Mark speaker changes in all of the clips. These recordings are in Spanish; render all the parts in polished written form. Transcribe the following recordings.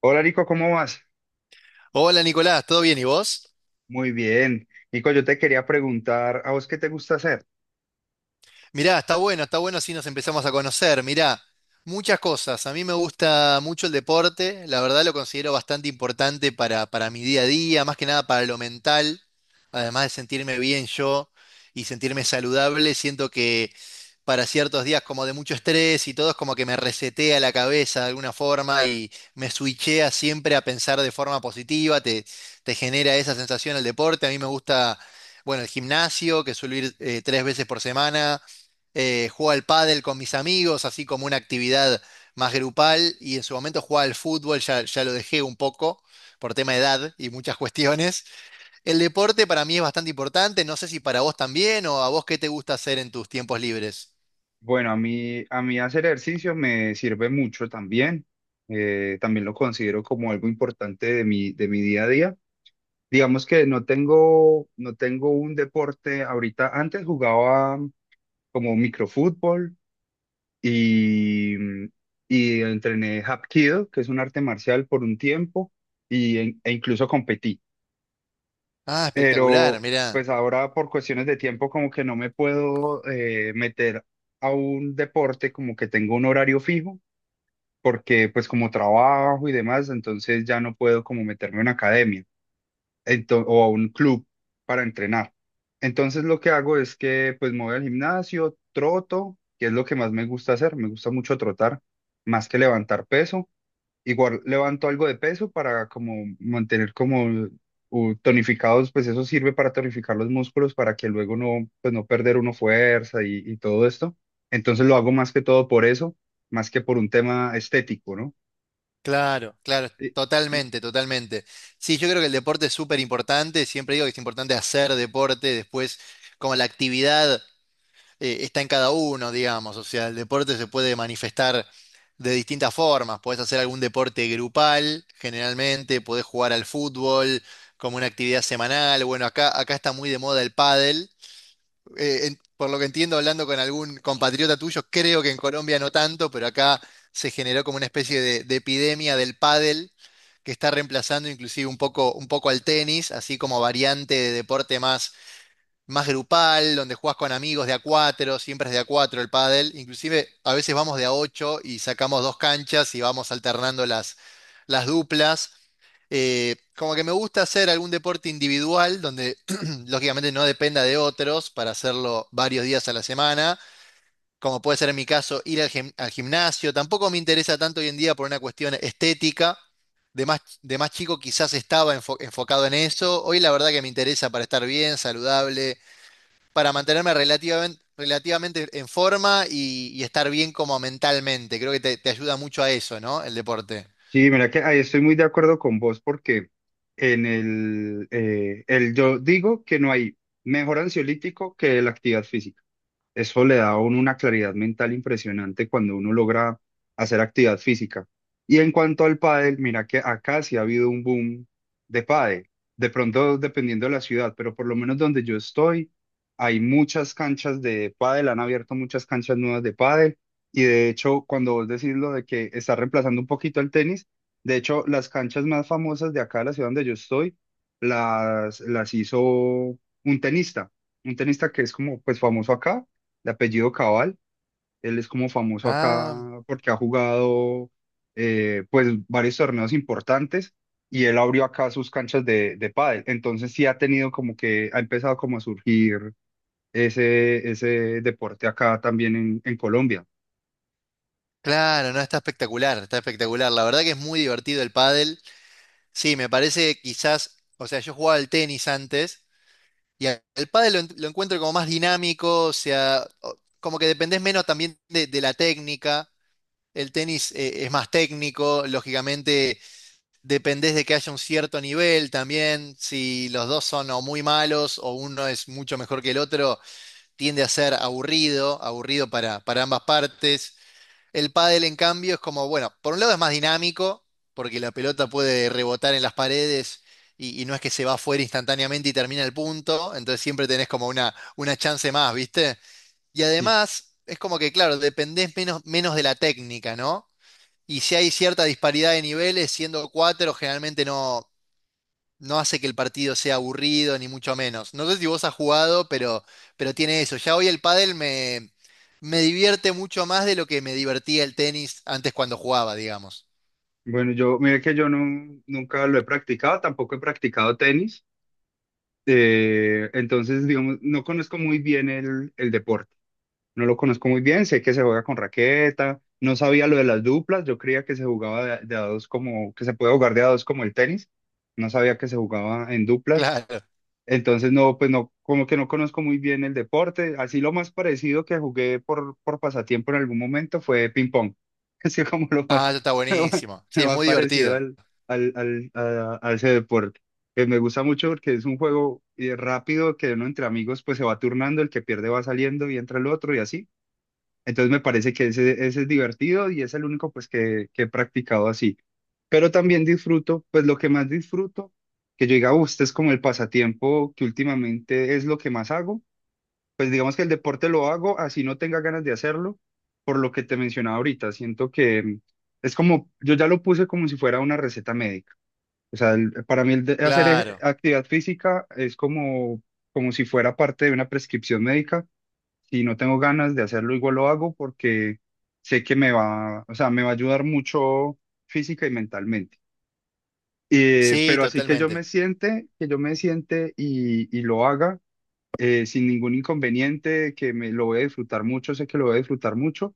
Speaker 1: Hola Nico, ¿cómo vas?
Speaker 2: Hola Nicolás, ¿todo bien y vos?
Speaker 1: Muy bien. Nico, yo te quería preguntar, ¿a vos qué te gusta hacer?
Speaker 2: Mirá, está bueno si nos empezamos a conocer. Mirá, muchas cosas. A mí me gusta mucho el deporte, la verdad lo considero bastante importante para mi día a día, más que nada para lo mental, además de sentirme bien yo y sentirme saludable, siento que para ciertos días como de mucho estrés y todo es como que me resetea la cabeza de alguna forma y me switchea siempre a pensar de forma positiva, te genera esa sensación el deporte, a mí me gusta. Bueno, el gimnasio, que suelo ir tres veces por semana. Jugaba al pádel con mis amigos, así como una actividad más grupal, y en su momento jugaba al fútbol, ya lo dejé un poco por tema de edad y muchas cuestiones. El deporte para mí es bastante importante, no sé si para vos también o a vos qué te gusta hacer en tus tiempos libres.
Speaker 1: Bueno, a mí hacer ejercicio me sirve mucho también. También lo considero como algo importante de mi día a día. Digamos que no tengo, no tengo un deporte ahorita. Antes jugaba como microfútbol y, y entrené Hapkido, que es un arte marcial por un tiempo, y, e incluso competí.
Speaker 2: Ah, espectacular,
Speaker 1: Pero
Speaker 2: mirá.
Speaker 1: pues ahora por cuestiones de tiempo como que no me puedo meter a un deporte como que tengo un horario fijo, porque pues como trabajo y demás, entonces ya no puedo como meterme a una academia o a un club para entrenar. Entonces lo que hago es que pues me voy al gimnasio, troto, que es lo que más me gusta hacer, me gusta mucho trotar, más que levantar peso. Igual levanto algo de peso para como mantener como tonificados, pues eso sirve para tonificar los músculos para que luego no, pues no perder uno fuerza y todo esto. Entonces lo hago más que todo por eso, más que por un tema estético, ¿no?
Speaker 2: Claro, claro,
Speaker 1: Y- y-
Speaker 2: totalmente, totalmente. Sí, yo creo que el deporte es súper importante, siempre digo que es importante hacer deporte, después como la actividad. Está en cada uno, digamos. O sea, el deporte se puede manifestar de distintas formas. Podés hacer algún deporte grupal, generalmente, podés jugar al fútbol como una actividad semanal. Bueno, acá está muy de moda el pádel. Por lo que entiendo, hablando con algún compatriota tuyo, creo que en Colombia no tanto, pero acá se generó como una especie de epidemia del pádel, que está reemplazando inclusive un poco al tenis, así como variante de deporte más grupal, donde jugás con amigos de a cuatro, siempre es de a cuatro el pádel, inclusive a veces vamos de a ocho y sacamos dos canchas y vamos alternando las duplas. Como que me gusta hacer algún deporte individual donde lógicamente no dependa de otros para hacerlo varios días a la semana, como puede ser en mi caso ir al gimnasio. Tampoco me interesa tanto hoy en día por una cuestión estética. De más chico quizás estaba enfocado en eso. Hoy la verdad que me interesa para estar bien, saludable, para mantenerme relativamente en forma y estar bien como mentalmente. Creo que te ayuda mucho a eso, ¿no? El deporte.
Speaker 1: Sí, mira que ahí estoy muy de acuerdo con vos porque en el yo digo que no hay mejor ansiolítico que la actividad física. Eso le da a uno una claridad mental impresionante cuando uno logra hacer actividad física. Y en cuanto al pádel, mira que acá sí ha habido un boom de pádel. De pronto, dependiendo de la ciudad, pero por lo menos donde yo estoy, hay muchas canchas de pádel, han abierto muchas canchas nuevas de pádel. Y de hecho, cuando vos decís lo de que está reemplazando un poquito el tenis, de hecho, las canchas más famosas de acá, de la ciudad donde yo estoy, las hizo un tenista que es como pues famoso acá de apellido Cabal. Él es como famoso acá
Speaker 2: Ah,
Speaker 1: porque ha jugado pues varios torneos importantes y él abrió acá sus canchas de pádel. Entonces sí ha tenido como que, ha empezado como a surgir ese, ese deporte acá también en Colombia.
Speaker 2: claro, no, está espectacular, está espectacular. La verdad que es muy divertido el pádel. Sí, me parece que quizás, o sea, yo jugaba al tenis antes y el pádel lo encuentro como más dinámico, o sea, como que dependés menos también de la técnica. El tenis es más técnico, lógicamente. Dependés de que haya un cierto nivel también. Si los dos son o muy malos o uno es mucho mejor que el otro, tiende a ser aburrido, aburrido para ambas partes. El pádel, en cambio, es como, bueno, por un lado es más dinámico, porque la pelota puede rebotar en las paredes y no es que se va afuera instantáneamente y termina el punto, entonces siempre tenés como una chance más, ¿viste? Y
Speaker 1: Sí.
Speaker 2: además, es como que, claro, dependés menos de la técnica, ¿no? Y si hay cierta disparidad de niveles, siendo cuatro, generalmente no hace que el partido sea aburrido, ni mucho menos. No sé si vos has jugado, pero tiene eso. Ya hoy el pádel me divierte mucho más de lo que me divertía el tenis antes cuando jugaba, digamos.
Speaker 1: Bueno, yo, mire que yo no, nunca lo he practicado, tampoco he practicado tenis. Entonces, digamos, no conozco muy bien el deporte. No lo conozco muy bien, sé que se juega con raqueta, no sabía lo de las duplas, yo creía que se jugaba de a dos como, que se puede jugar de a dos como el tenis, no sabía que se jugaba en duplas,
Speaker 2: Claro.
Speaker 1: entonces no, pues no, como que no conozco muy bien el deporte, así lo más parecido que jugué por pasatiempo en algún momento fue ping pong, así como lo
Speaker 2: Ah,
Speaker 1: más,
Speaker 2: eso está
Speaker 1: lo más,
Speaker 2: buenísimo. Sí,
Speaker 1: lo
Speaker 2: es
Speaker 1: más
Speaker 2: muy
Speaker 1: parecido
Speaker 2: divertido.
Speaker 1: al, al, a ese deporte. Que me gusta mucho porque es un juego rápido que uno entre amigos pues se va turnando, el que pierde va saliendo y entra el otro y así. Entonces me parece que ese es divertido y es el único pues que he practicado así. Pero también disfruto, pues lo que más disfruto, que yo diga: este es como el pasatiempo que últimamente es lo que más hago". Pues digamos que el deporte lo hago así no tenga ganas de hacerlo, por lo que te mencionaba ahorita. Siento que es como, yo ya lo puse como si fuera una receta médica. O sea, para mí hacer
Speaker 2: Claro.
Speaker 1: actividad física es como, como si fuera parte de una prescripción médica. Si no tengo ganas de hacerlo, igual lo hago porque sé que me va, o sea, me va a ayudar mucho física y mentalmente.
Speaker 2: Sí,
Speaker 1: Pero así que yo
Speaker 2: totalmente.
Speaker 1: me siente, que yo me siente y lo haga sin ningún inconveniente, que me lo voy a disfrutar mucho, sé que lo voy a disfrutar mucho.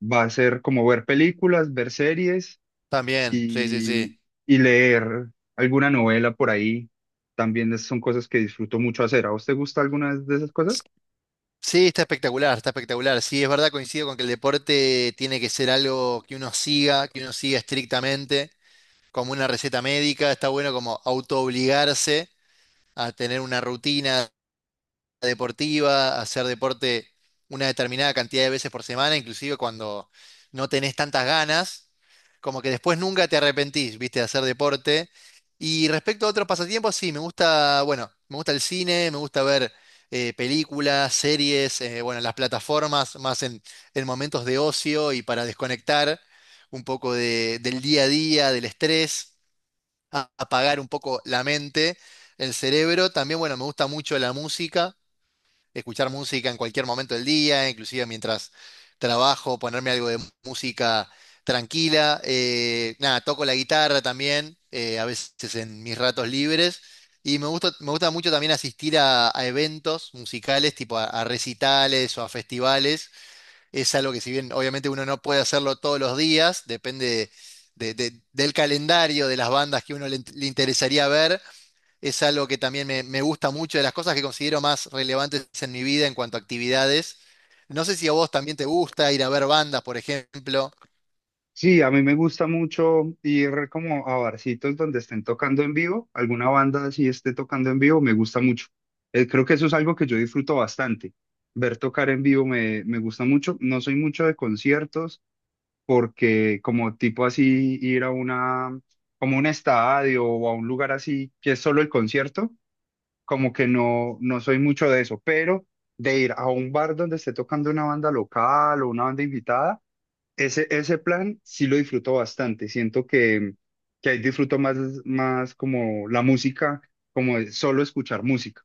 Speaker 1: Va a ser como ver películas, ver series
Speaker 2: También. Sí, sí, sí.
Speaker 1: y, y leer alguna novela por ahí. También son cosas que disfruto mucho hacer. ¿A vos te gusta alguna de esas cosas?
Speaker 2: Sí, está espectacular, está espectacular. Sí, es verdad, coincido con que el deporte tiene que ser algo que uno siga estrictamente, como una receta médica. Está bueno como autoobligarse a tener una rutina deportiva, a hacer deporte una determinada cantidad de veces por semana, inclusive cuando no tenés tantas ganas, como que después nunca te arrepentís, viste, de hacer deporte. Y respecto a otros pasatiempos, sí, me gusta, bueno, me gusta el cine, me gusta ver películas, series, bueno, las plataformas, más en momentos de ocio y para desconectar un poco del día a día, del estrés apagar un poco la mente, el cerebro. También, bueno, me gusta mucho la música, escuchar música en cualquier momento del día, inclusive mientras trabajo, ponerme algo de música tranquila. Nada, toco la guitarra también, a veces en mis ratos libres. Y me gusta mucho también asistir a eventos musicales, tipo a recitales o a festivales. Es algo que si bien obviamente uno no puede hacerlo todos los días, depende del calendario de las bandas que uno le interesaría ver. Es algo que también me gusta mucho, de las cosas que considero más relevantes en mi vida en cuanto a actividades. No sé si a vos también te gusta ir a ver bandas, por ejemplo.
Speaker 1: Sí, a mí me gusta mucho ir como a barcitos donde estén tocando en vivo, alguna banda así esté tocando en vivo, me gusta mucho. Creo que eso es algo que yo disfruto bastante. Ver tocar en vivo me, me gusta mucho. No soy mucho de conciertos porque como tipo así ir a una, como un estadio o a un lugar así que es solo el concierto, como que no, no soy mucho de eso, pero de ir a un bar donde esté tocando una banda local o una banda invitada. Ese plan sí lo disfruto bastante. Siento que ahí disfruto más, más como la música, como de solo escuchar música.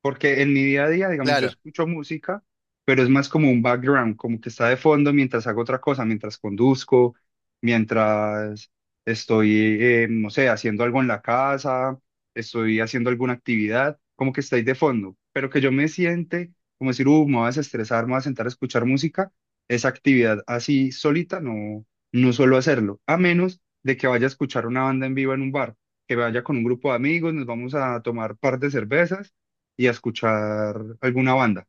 Speaker 1: Porque en mi día a día, digamos, yo
Speaker 2: Claro,
Speaker 1: escucho música, pero es más como un background, como que está de fondo mientras hago otra cosa, mientras conduzco, mientras estoy, no sé, haciendo algo en la casa, estoy haciendo alguna actividad, como que está ahí de fondo. Pero que yo me siente como decir, me voy a desestresar, me voy a sentar a escuchar música, esa actividad así solita, no, no suelo hacerlo, a menos de que vaya a escuchar una banda en vivo en un bar, que vaya con un grupo de amigos, nos vamos a tomar par de cervezas y a escuchar alguna banda.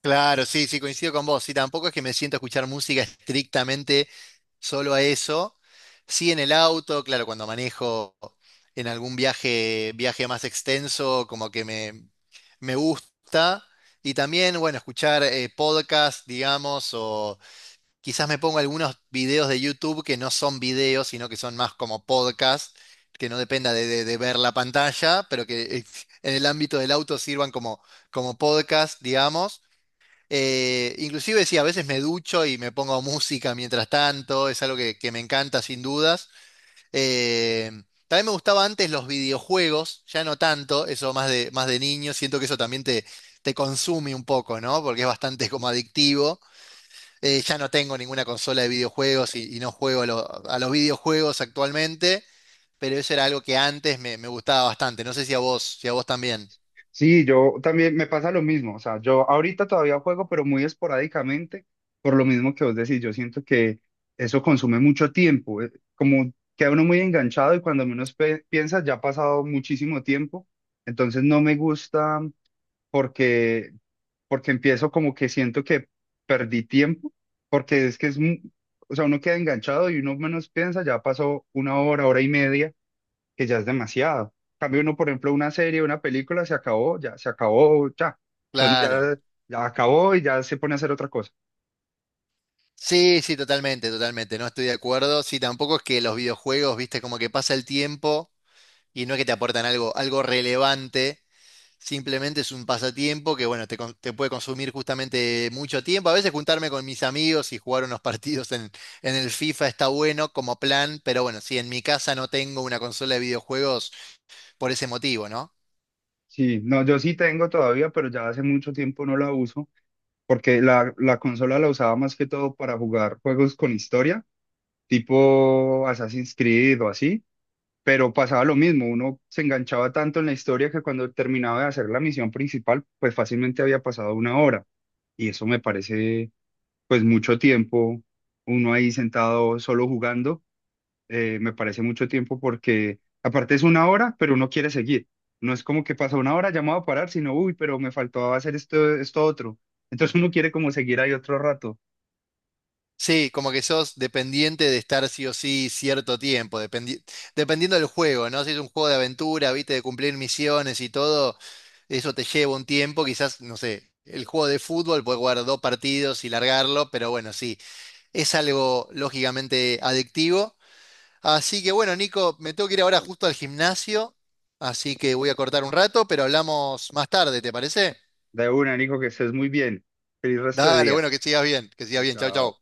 Speaker 2: claro, sí, sí, coincido con vos. Sí, tampoco es que me siento a escuchar música estrictamente solo a eso. Sí, en el auto, claro, cuando manejo en algún viaje más extenso, como que me gusta. Y también, bueno, escuchar podcast, digamos, o quizás me pongo algunos videos de YouTube que no son videos, sino que son más como podcast, que no dependa de ver la pantalla, pero que en el ámbito del auto sirvan como podcast, digamos. Inclusive sí, a veces me ducho y me pongo música mientras tanto, es algo que me encanta sin dudas. Eh, también me gustaba antes los videojuegos, ya no tanto, eso más de niño, siento que eso también te consume un poco, ¿no? Porque es bastante como adictivo. Ya no tengo ninguna consola de videojuegos y no juego a los videojuegos actualmente, pero eso era algo que antes me gustaba bastante. No sé si a vos también.
Speaker 1: Sí, yo también me pasa lo mismo, o sea, yo ahorita todavía juego, pero muy esporádicamente, por lo mismo que vos decís, yo siento que eso consume mucho tiempo, como queda uno muy enganchado y cuando menos piensa ya ha pasado muchísimo tiempo, entonces no me gusta porque, porque empiezo como que siento que perdí tiempo, porque es que es, o sea, uno queda enganchado y uno menos piensa, ya pasó una hora, hora y media, que ya es demasiado. En cambio uno, por ejemplo, una serie, una película, se acabó, ya, se acabó, ya. Entonces
Speaker 2: Claro.
Speaker 1: uno ya, ya acabó y ya se pone a hacer otra cosa.
Speaker 2: Sí, sí, totalmente, totalmente, no estoy de acuerdo. Sí, tampoco es que los videojuegos, viste, como que pasa el tiempo y no es que te aportan algo relevante, simplemente es un pasatiempo que, bueno, te puede consumir justamente mucho tiempo. A veces juntarme con mis amigos y jugar unos partidos en el FIFA está bueno como plan, pero bueno, sí, en mi casa no tengo una consola de videojuegos por ese motivo, ¿no?
Speaker 1: Sí, no, yo sí tengo todavía, pero ya hace mucho tiempo no la uso, porque la consola la usaba más que todo para jugar juegos con historia, tipo Assassin's Creed o así. Pero pasaba lo mismo, uno se enganchaba tanto en la historia que cuando terminaba de hacer la misión principal, pues fácilmente había pasado una hora. Y eso me parece, pues mucho tiempo, uno ahí sentado solo jugando, me parece mucho tiempo porque aparte es una hora, pero uno quiere seguir. No es como que pasa una hora, ya me voy a parar, sino, uy, pero me faltaba hacer esto, esto otro. Entonces uno quiere como seguir ahí otro rato.
Speaker 2: Sí, como que sos dependiente de estar sí o sí cierto tiempo, dependiendo del juego, ¿no? Si es un juego de aventura, viste, de cumplir misiones y todo, eso te lleva un tiempo, quizás, no sé, el juego de fútbol puedes jugar dos partidos y largarlo, pero bueno, sí, es algo lógicamente adictivo. Así que bueno, Nico, me tengo que ir ahora justo al gimnasio, así que voy a cortar un rato, pero hablamos más tarde, ¿te parece?
Speaker 1: De una, Nico, que estés muy bien. Feliz resto de
Speaker 2: Dale,
Speaker 1: día.
Speaker 2: bueno, que sigas bien, chau,
Speaker 1: Chao.
Speaker 2: chau.